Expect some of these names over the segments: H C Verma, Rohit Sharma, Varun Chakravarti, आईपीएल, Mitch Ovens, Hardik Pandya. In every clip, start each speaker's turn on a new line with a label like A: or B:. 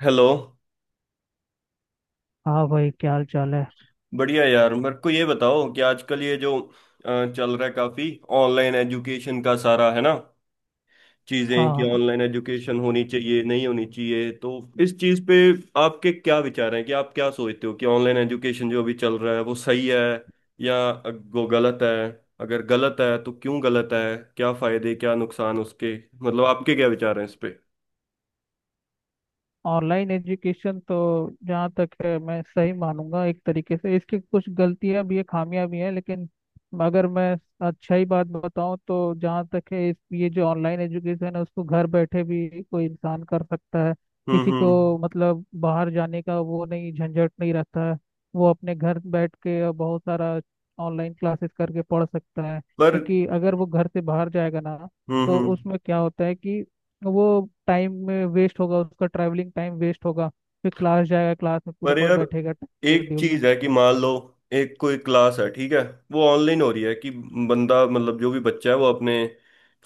A: Hello.
B: हाँ भाई, क्या हाल चाल है।
A: बढ़िया यार, मेरे को ये बताओ कि आजकल ये जो चल रहा है काफी ऑनलाइन एजुकेशन का सारा, है ना, चीजें कि
B: हाँ,
A: ऑनलाइन एजुकेशन होनी चाहिए नहीं होनी चाहिए। तो इस चीज पे आपके क्या विचार हैं, कि आप क्या सोचते हो कि ऑनलाइन एजुकेशन जो अभी चल रहा है वो सही है या वो गलत है? अगर गलत है तो क्यों गलत है, क्या फायदे क्या नुकसान उसके? मतलब आपके क्या विचार हैं इस पे।
B: ऑनलाइन एजुकेशन तो जहाँ तक है मैं सही मानूंगा। एक तरीके से इसकी कुछ गलतियां भी है, खामियां भी हैं, लेकिन अगर मैं अच्छा ही बात बताऊं तो जहाँ तक है इस ये जो ऑनलाइन एजुकेशन है उसको घर बैठे भी कोई इंसान कर सकता है। किसी
A: हम्म।
B: को मतलब बाहर जाने का वो नहीं, झंझट नहीं रहता है। वो अपने घर बैठ के बहुत सारा ऑनलाइन क्लासेस करके पढ़ सकता है,
A: पर।
B: क्योंकि अगर वो घर से बाहर जाएगा ना, तो
A: हम्म।
B: उसमें क्या होता है कि वो टाइम में वेस्ट होगा, उसका ट्रैवलिंग टाइम वेस्ट होगा। फिर क्लास जाएगा, क्लास में पूरा
A: पर
B: पर
A: यार,
B: बैठेगा
A: एक
B: शेड्यूल में।
A: चीज है कि मान लो एक कोई क्लास है, ठीक है, वो ऑनलाइन हो रही है कि बंदा, मतलब जो भी बच्चा है वो अपने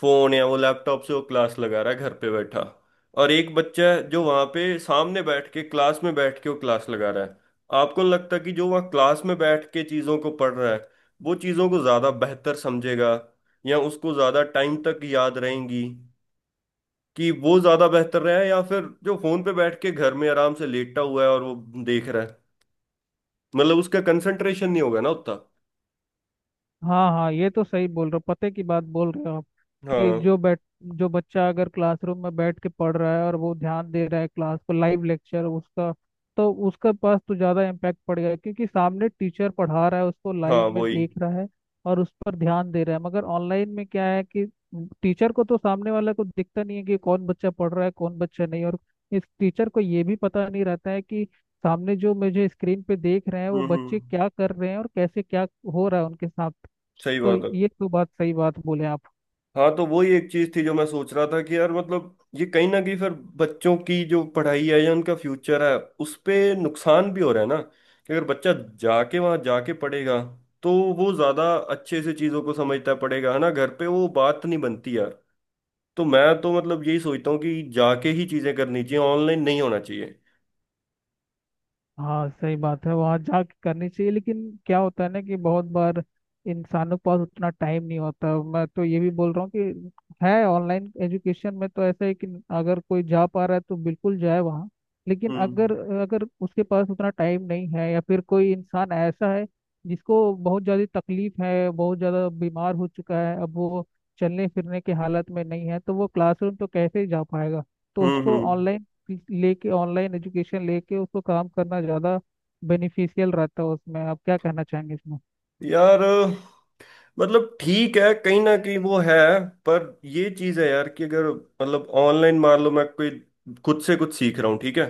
A: फोन या वो लैपटॉप से वो क्लास लगा रहा है घर पे बैठा। और एक बच्चा है जो वहां पे सामने बैठ के, क्लास में बैठ के वो क्लास लगा रहा है। आपको नहीं लगता कि जो वहाँ क्लास में बैठ के चीजों को पढ़ रहा है वो चीजों को ज्यादा बेहतर समझेगा, या उसको ज्यादा टाइम तक याद रहेंगी? कि वो ज्यादा बेहतर रहा है, या फिर जो फोन पे बैठ के घर में आराम से लेटा हुआ है और वो देख रहा है, मतलब उसका कंसंट्रेशन नहीं होगा ना उतना।
B: हाँ हाँ, ये तो सही बोल रहे हो, पते की बात बोल रहे हो आप। कि
A: हाँ
B: जो बैठ जो बच्चा अगर क्लासरूम में बैठ के पढ़ रहा है और वो ध्यान दे रहा है क्लास पर, लाइव लेक्चर उसका, तो उसके पास तो ज़्यादा इम्पैक्ट पड़ेगा, क्योंकि सामने टीचर पढ़ा रहा है, उसको
A: हाँ
B: लाइव में
A: वही।
B: देख रहा है और उस पर ध्यान दे रहा है। मगर ऑनलाइन में क्या है कि टीचर को तो सामने वाला को दिखता नहीं है कि कौन बच्चा पढ़ रहा है कौन बच्चा नहीं, और इस टीचर को ये भी पता नहीं रहता है कि सामने जो मुझे स्क्रीन पे देख रहे हैं वो बच्चे
A: हम्म।
B: क्या कर रहे हैं और कैसे क्या हो रहा है उनके सामने।
A: सही
B: तो
A: बात है।
B: ये तो बात, सही बात बोले आप।
A: हाँ, तो वही एक चीज थी जो मैं सोच रहा था कि यार मतलब ये कहीं ना कहीं फिर बच्चों की जो पढ़ाई है या उनका फ्यूचर है उस पे नुकसान भी हो रहा है ना, कि अगर बच्चा जाके, वहां जाके पढ़ेगा तो वो ज्यादा अच्छे से चीजों को समझता पड़ेगा, है ना, घर पे वो बात नहीं बनती यार। तो मैं तो मतलब यही सोचता हूँ कि जाके ही चीजें करनी चाहिए, ऑनलाइन नहीं होना चाहिए।
B: हाँ, सही बात है, वहाँ जा के करनी चाहिए, लेकिन क्या होता है ना कि बहुत बार इंसानों के पास उतना टाइम नहीं होता। मैं तो ये भी बोल रहा हूँ कि है, ऑनलाइन एजुकेशन में तो ऐसा है कि अगर कोई जा पा रहा है तो बिल्कुल जाए वहाँ, लेकिन
A: हम्म
B: अगर अगर उसके पास उतना टाइम नहीं है, या फिर कोई इंसान ऐसा है जिसको बहुत ज़्यादा तकलीफ है, बहुत ज़्यादा बीमार हो चुका है, अब वो चलने फिरने के हालत में नहीं है, तो वो क्लासरूम तो कैसे जा पाएगा। तो उसको
A: हम्म।
B: ऑनलाइन लेके, ऑनलाइन एजुकेशन लेके उसको काम करना ज़्यादा बेनिफिशियल रहता है उसमें। आप क्या कहना चाहेंगे इसमें।
A: यार मतलब ठीक है, कहीं ना कहीं वो है, पर ये चीज है यार कि अगर, मतलब ऑनलाइन मान लो मैं कोई खुद से कुछ सीख रहा हूँ, ठीक है,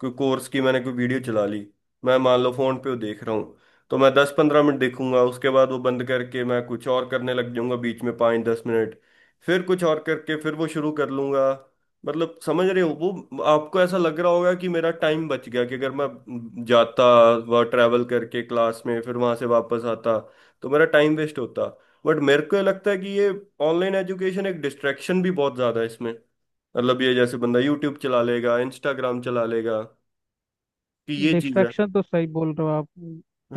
A: कोई कोर्स की मैंने कोई वीडियो चला ली, मैं मान लो फोन पे वो देख रहा हूँ, तो मैं 10-15 मिनट देखूंगा, उसके बाद वो बंद करके मैं कुछ और करने लग जाऊंगा, बीच में 5-10 मिनट, फिर कुछ और करके फिर वो शुरू कर लूंगा। मतलब समझ रहे हो, वो आपको ऐसा लग रहा होगा कि मेरा टाइम बच गया, कि अगर मैं जाता, वह ट्रैवल करके क्लास में फिर वहां से वापस आता तो मेरा टाइम वेस्ट होता। बट मेरे को ये लगता है कि ये ऑनलाइन एजुकेशन एक डिस्ट्रैक्शन भी बहुत ज्यादा है इसमें। मतलब ये जैसे बंदा यूट्यूब चला लेगा, इंस्टाग्राम चला लेगा, कि ये चीज है।
B: डिस्ट्रैक्शन तो सही बोल रहे हो आप।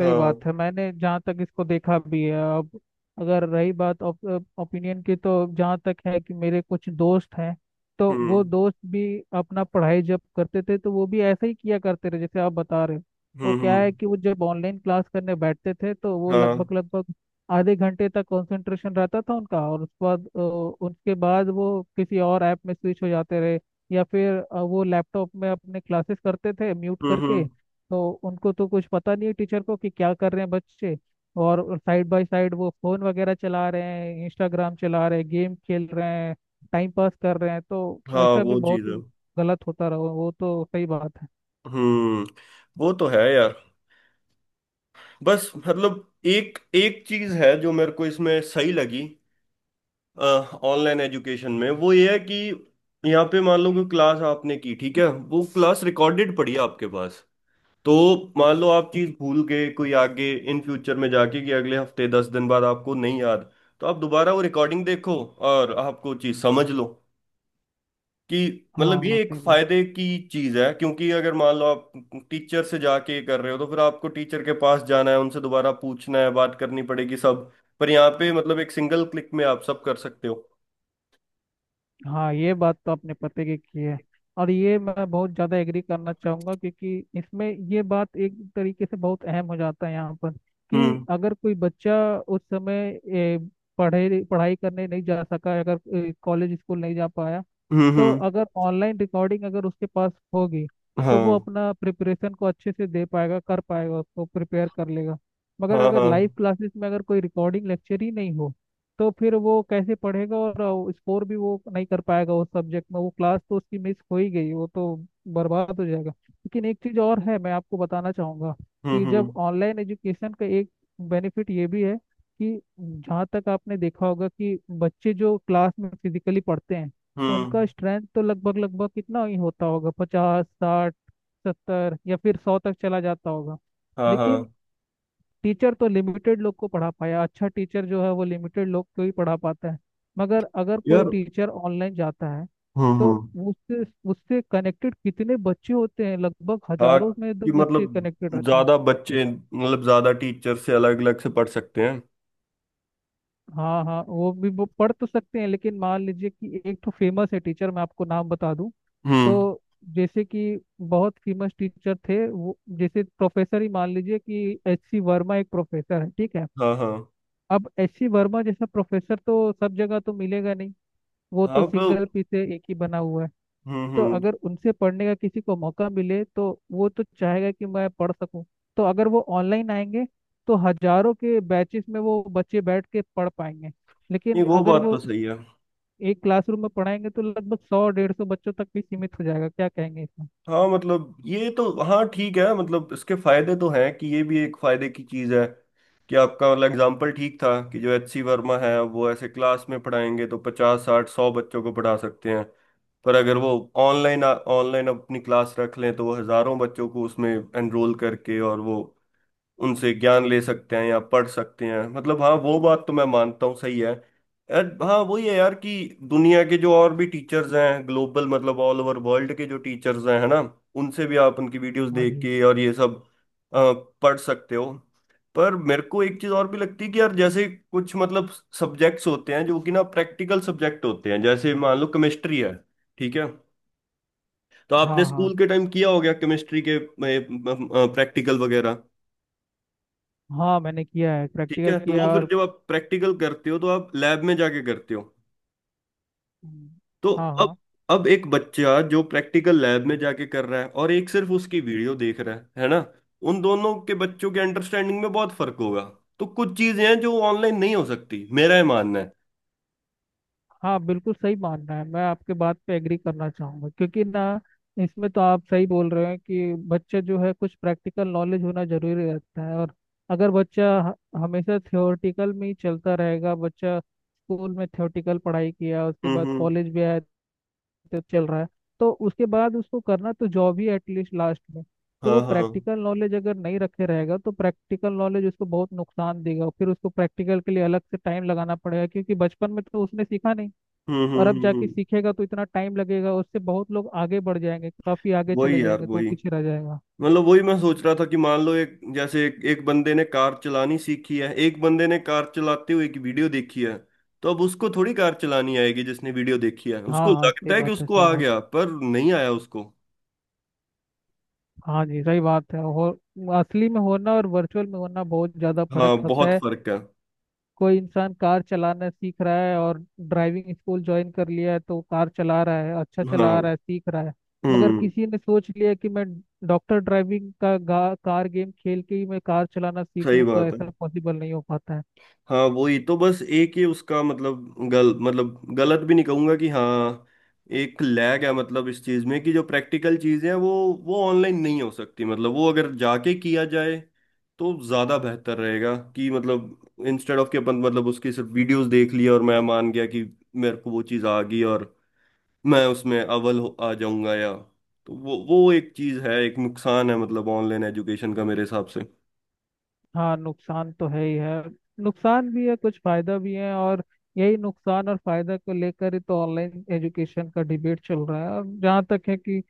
B: सही बात है, मैंने जहाँ तक इसको देखा भी है अब। अगर रही बात ओपिनियन की, तो जहाँ तक है कि मेरे कुछ दोस्त हैं, तो वो
A: हम्म
B: दोस्त भी अपना पढ़ाई जब करते थे तो वो भी ऐसा ही किया करते रहे जैसे आप बता रहे हो। वो
A: हम्म।
B: क्या
A: हम्म।
B: है कि वो जब ऑनलाइन क्लास करने बैठते थे तो वो
A: हाँ।
B: लगभग लगभग आधे घंटे तक कंसंट्रेशन रहता था उनका, और उसके बाद वो किसी और ऐप में स्विच हो जाते रहे, या फिर वो लैपटॉप में अपने क्लासेस करते थे म्यूट करके।
A: हम्म।
B: तो उनको तो कुछ पता नहीं है टीचर को कि क्या कर रहे हैं बच्चे, और साइड बाय साइड वो फोन वगैरह चला रहे हैं, इंस्टाग्राम चला रहे हैं, गेम खेल रहे हैं, टाइम पास कर रहे हैं। तो
A: हाँ,
B: ऐसा भी
A: वो
B: बहुत
A: चीज है।
B: गलत होता रहा, वो तो सही बात है।
A: हम्म। वो तो है यार। बस मतलब एक एक चीज है जो मेरे को इसमें सही लगी ऑनलाइन एजुकेशन में, वो ये है कि यहाँ पे मान लो कि क्लास आपने की, ठीक है, वो क्लास रिकॉर्डेड पड़ी है आपके पास। तो मान लो आप चीज भूल गए कोई आगे इन फ्यूचर में जाके, कि अगले हफ्ते 10 दिन बाद आपको नहीं याद, तो आप दोबारा वो रिकॉर्डिंग देखो और आपको चीज समझ लो कि, मतलब
B: हाँ
A: ये एक
B: सही बात।
A: फायदे की चीज है क्योंकि अगर मान लो आप टीचर से जाके कर रहे हो तो फिर आपको टीचर के पास जाना है, उनसे दोबारा पूछना है, बात करनी पड़ेगी सब। पर यहाँ पे मतलब एक सिंगल क्लिक में आप सब कर सकते हो।
B: हाँ, ये बात तो आपने पते की है, और ये मैं बहुत ज़्यादा एग्री करना चाहूँगा क्योंकि इसमें ये बात एक तरीके से बहुत अहम हो जाता है यहाँ पर। कि
A: हम्म
B: अगर कोई बच्चा उस समय पढ़े, पढ़ाई करने नहीं जा सका, अगर कॉलेज स्कूल नहीं जा पाया, तो
A: हम्म।
B: अगर ऑनलाइन रिकॉर्डिंग अगर उसके पास होगी तो वो
A: हाँ
B: अपना प्रिपरेशन को अच्छे से दे पाएगा, कर पाएगा, उसको प्रिपेयर कर लेगा। मगर
A: हाँ
B: अगर लाइव
A: हाँ।
B: क्लासेस में अगर कोई रिकॉर्डिंग लेक्चर ही नहीं हो, तो फिर वो कैसे पढ़ेगा, और स्कोर भी वो नहीं कर पाएगा उस सब्जेक्ट में। वो क्लास तो उसकी मिस हो ही गई, वो तो बर्बाद हो जाएगा। लेकिन एक चीज़ और है मैं आपको बताना चाहूँगा,
A: हम्म
B: कि जब
A: हम्म
B: ऑनलाइन एजुकेशन का एक बेनिफिट ये भी है कि जहाँ तक आपने देखा होगा कि बच्चे जो क्लास में फिजिकली पढ़ते हैं,
A: हम्म।
B: उनका स्ट्रेंथ तो लगभग लगभग कितना ही होता होगा, पचास, साठ, सत्तर, या फिर सौ तक चला जाता होगा।
A: हाँ
B: लेकिन
A: हाँ।
B: टीचर तो लिमिटेड लोग को पढ़ा पाया, अच्छा टीचर जो है वो लिमिटेड लोग को ही पढ़ा पाता है। मगर अगर कोई
A: यार।
B: टीचर ऑनलाइन जाता है, तो
A: हम्म।
B: उससे उससे कनेक्टेड कितने बच्चे होते हैं, लगभग
A: हाँ,
B: हजारों में दो
A: कि
B: बच्चे कनेक्टेड
A: मतलब
B: रहते हैं।
A: ज्यादा बच्चे, मतलब ज्यादा टीचर से अलग अलग से पढ़ सकते हैं।
B: हाँ हाँ, वो भी वो पढ़ तो सकते हैं, लेकिन मान लीजिए कि एक तो फेमस है टीचर, मैं आपको नाम बता दूं,
A: हम्म।
B: तो जैसे कि बहुत फेमस टीचर थे वो, जैसे प्रोफेसर ही मान लीजिए कि एच सी वर्मा एक प्रोफेसर है, ठीक है।
A: हाँ हाँ।
B: अब एच सी वर्मा जैसा प्रोफेसर तो सब जगह तो मिलेगा नहीं, वो तो
A: हाँ तो।
B: सिंगल पीस है, एक ही बना हुआ है। तो
A: हम्म।
B: अगर उनसे पढ़ने का किसी को मौका मिले तो वो तो चाहेगा कि मैं पढ़ सकूं। तो अगर वो ऑनलाइन आएंगे तो हजारों के बैचेस में वो बच्चे बैठ के पढ़ पाएंगे,
A: नहीं,
B: लेकिन
A: वो
B: अगर
A: बात तो
B: वो
A: सही है।
B: एक क्लासरूम में पढ़ाएंगे तो लगभग सौ डेढ़ सौ बच्चों तक भी सीमित हो जाएगा। क्या कहेंगे इसमें।
A: हाँ मतलब ये तो, हाँ ठीक है, मतलब इसके फायदे तो हैं कि ये भी एक फायदे की चीज है, कि आपका मतलब एग्जाम्पल ठीक था कि जो एच सी वर्मा है वो ऐसे क्लास में पढ़ाएंगे तो पचास साठ सौ बच्चों को पढ़ा सकते हैं। पर अगर वो ऑनलाइन ऑनलाइन अपनी क्लास रख लें तो वो हजारों बच्चों को उसमें एनरोल करके और वो उनसे ज्ञान ले सकते हैं या पढ़ सकते हैं। मतलब हाँ वो बात तो मैं मानता हूँ सही है। यार हाँ वही है यार कि दुनिया के जो और भी टीचर्स हैं, ग्लोबल, मतलब ऑल ओवर वर्ल्ड के जो टीचर्स हैं, है ना, उनसे भी आप उनकी वीडियोस
B: हाँ
A: देख
B: जी।
A: के और ये सब अ, पढ़ सकते हो। पर मेरे को एक चीज और भी लगती है कि यार जैसे कुछ, मतलब सब्जेक्ट्स होते हैं जो कि ना प्रैक्टिकल सब्जेक्ट होते हैं, जैसे मान लो केमिस्ट्री है, ठीक है, तो आपने
B: हाँ हाँ।
A: स्कूल के टाइम किया हो गया केमिस्ट्री के प्रैक्टिकल वगैरह,
B: हाँ, मैंने किया है,
A: ठीक है,
B: प्रैक्टिकल
A: तो
B: किया।
A: वो फिर
B: और
A: जब आप प्रैक्टिकल करते हो तो आप लैब में जाके करते हो।
B: हम्म।
A: तो
B: हाँ
A: अब
B: हाँ।
A: अब एक बच्चा जो प्रैक्टिकल लैब में जाके कर रहा है, और एक सिर्फ उसकी वीडियो देख रहा है ना, उन दोनों के बच्चों के अंडरस्टैंडिंग में बहुत फर्क होगा। तो कुछ चीजें हैं जो ऑनलाइन नहीं हो सकती, मेरा ये मानना है।
B: हाँ, बिल्कुल सही मानना है, मैं आपके बात पे एग्री करना चाहूँगा क्योंकि ना, इसमें तो आप सही बोल रहे हैं कि बच्चे जो है कुछ प्रैक्टिकल नॉलेज होना जरूरी रहता है। और अगर बच्चा हमेशा थ्योरेटिकल में ही चलता रहेगा, बच्चा स्कूल में थ्योरेटिकल पढ़ाई किया, उसके बाद
A: हम्म।
B: कॉलेज भी आया, तो चल रहा है। तो उसके बाद उसको करना तो जॉब ही एटलीस्ट लास्ट में, तो
A: हाँ
B: वो
A: हाँ।
B: प्रैक्टिकल नॉलेज अगर नहीं रखे रहेगा तो प्रैक्टिकल नॉलेज उसको बहुत नुकसान देगा। फिर उसको प्रैक्टिकल के लिए अलग से टाइम लगाना पड़ेगा, क्योंकि बचपन में तो उसने सीखा नहीं।
A: हम्म
B: और
A: हम्म
B: अब
A: हम्म
B: जाके
A: हम्म।
B: सीखेगा तो इतना टाइम लगेगा, उससे बहुत लोग आगे बढ़ जाएंगे, काफी आगे चले
A: वही यार
B: जाएंगे, तो वो
A: वही,
B: पीछे रह जाएगा।
A: मतलब वही मैं सोच रहा था कि मान लो एक जैसे एक बंदे ने कार चलानी सीखी है, एक बंदे ने कार चलाते हुए की वीडियो देखी है, तो अब उसको थोड़ी कार चलानी आएगी? जिसने वीडियो देखी है
B: हाँ
A: उसको
B: हाँ, सही
A: लगता है कि
B: बात है,
A: उसको
B: सही
A: आ
B: बात है।
A: गया, पर नहीं आया उसको।
B: हाँ जी, सही बात है। हो, असली में होना और वर्चुअल में होना बहुत ज्यादा
A: हाँ
B: फर्क होता
A: बहुत
B: है।
A: फर्क है।
B: कोई इंसान कार चलाना सीख रहा है और ड्राइविंग स्कूल ज्वाइन कर लिया है तो कार चला रहा है, अच्छा
A: हाँ।
B: चला रहा है, सीख रहा है। मगर
A: हम्म।
B: किसी ने सोच लिया कि मैं डॉक्टर ड्राइविंग का कार गेम खेल के ही मैं कार चलाना सीख
A: सही
B: लूँ, तो
A: बात है।
B: ऐसा पॉसिबल नहीं हो पाता है।
A: हाँ वही तो, बस एक ही उसका मतलब गल मतलब गलत भी नहीं कहूंगा कि, हाँ एक लैग है मतलब, इस चीज में कि जो प्रैक्टिकल चीजें हैं वो ऑनलाइन नहीं हो सकती, मतलब वो अगर जाके किया जाए तो ज्यादा बेहतर रहेगा, कि मतलब इंस्टेड ऑफ कि अपन, मतलब उसकी सिर्फ वीडियोस देख लिया और मैं मान गया कि मेरे को वो चीज आ गई और मैं उसमें आ जाऊंगा या, तो वो एक चीज है, एक नुकसान है मतलब ऑनलाइन एजुकेशन का मेरे हिसाब से।
B: हाँ, नुकसान तो है ही है। नुकसान भी है, कुछ फायदा भी है, और यही नुकसान और फायदा को लेकर ही तो ऑनलाइन एजुकेशन का डिबेट चल रहा है। और जहाँ तक है कि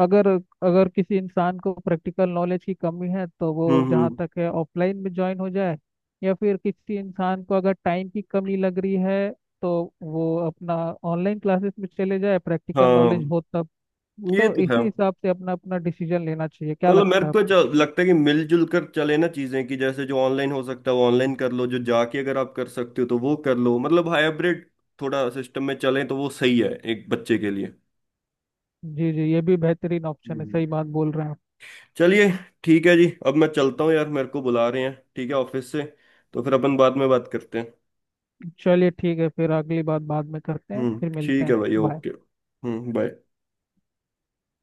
B: अगर अगर किसी इंसान को प्रैक्टिकल नॉलेज की कमी है तो वो जहाँ
A: हम्म।
B: तक है ऑफलाइन में ज्वाइन हो जाए, या फिर किसी इंसान को अगर टाइम की कमी लग रही है तो वो अपना ऑनलाइन क्लासेस में चले जाए, प्रैक्टिकल नॉलेज
A: हाँ,
B: हो तब।
A: ये
B: तो
A: तो है।
B: इसी हिसाब से अपना अपना डिसीजन लेना चाहिए। क्या
A: मतलब मेरे
B: लगता है
A: को
B: आपको।
A: जो लगता है कि मिलजुल कर चले ना चीजें, कि जैसे जो ऑनलाइन हो सकता है वो ऑनलाइन कर लो, जो जाके अगर आप कर सकते हो तो वो कर लो, मतलब हाइब्रिड थोड़ा सिस्टम में चले तो वो सही है एक बच्चे के लिए।
B: जी जी, ये भी बेहतरीन ऑप्शन है,
A: हम्म।
B: सही बात बोल रहे हैं आप।
A: चलिए, ठीक है जी, अब मैं चलता हूँ यार, मेरे को बुला रहे हैं, ठीक है, ऑफिस से, तो फिर अपन बाद में बात करते हैं।
B: चलिए, ठीक है, फिर अगली बात बाद में करते हैं, फिर मिलते
A: ठीक है
B: हैं,
A: भाई,
B: बाय।
A: ओके, हम्म, बाय।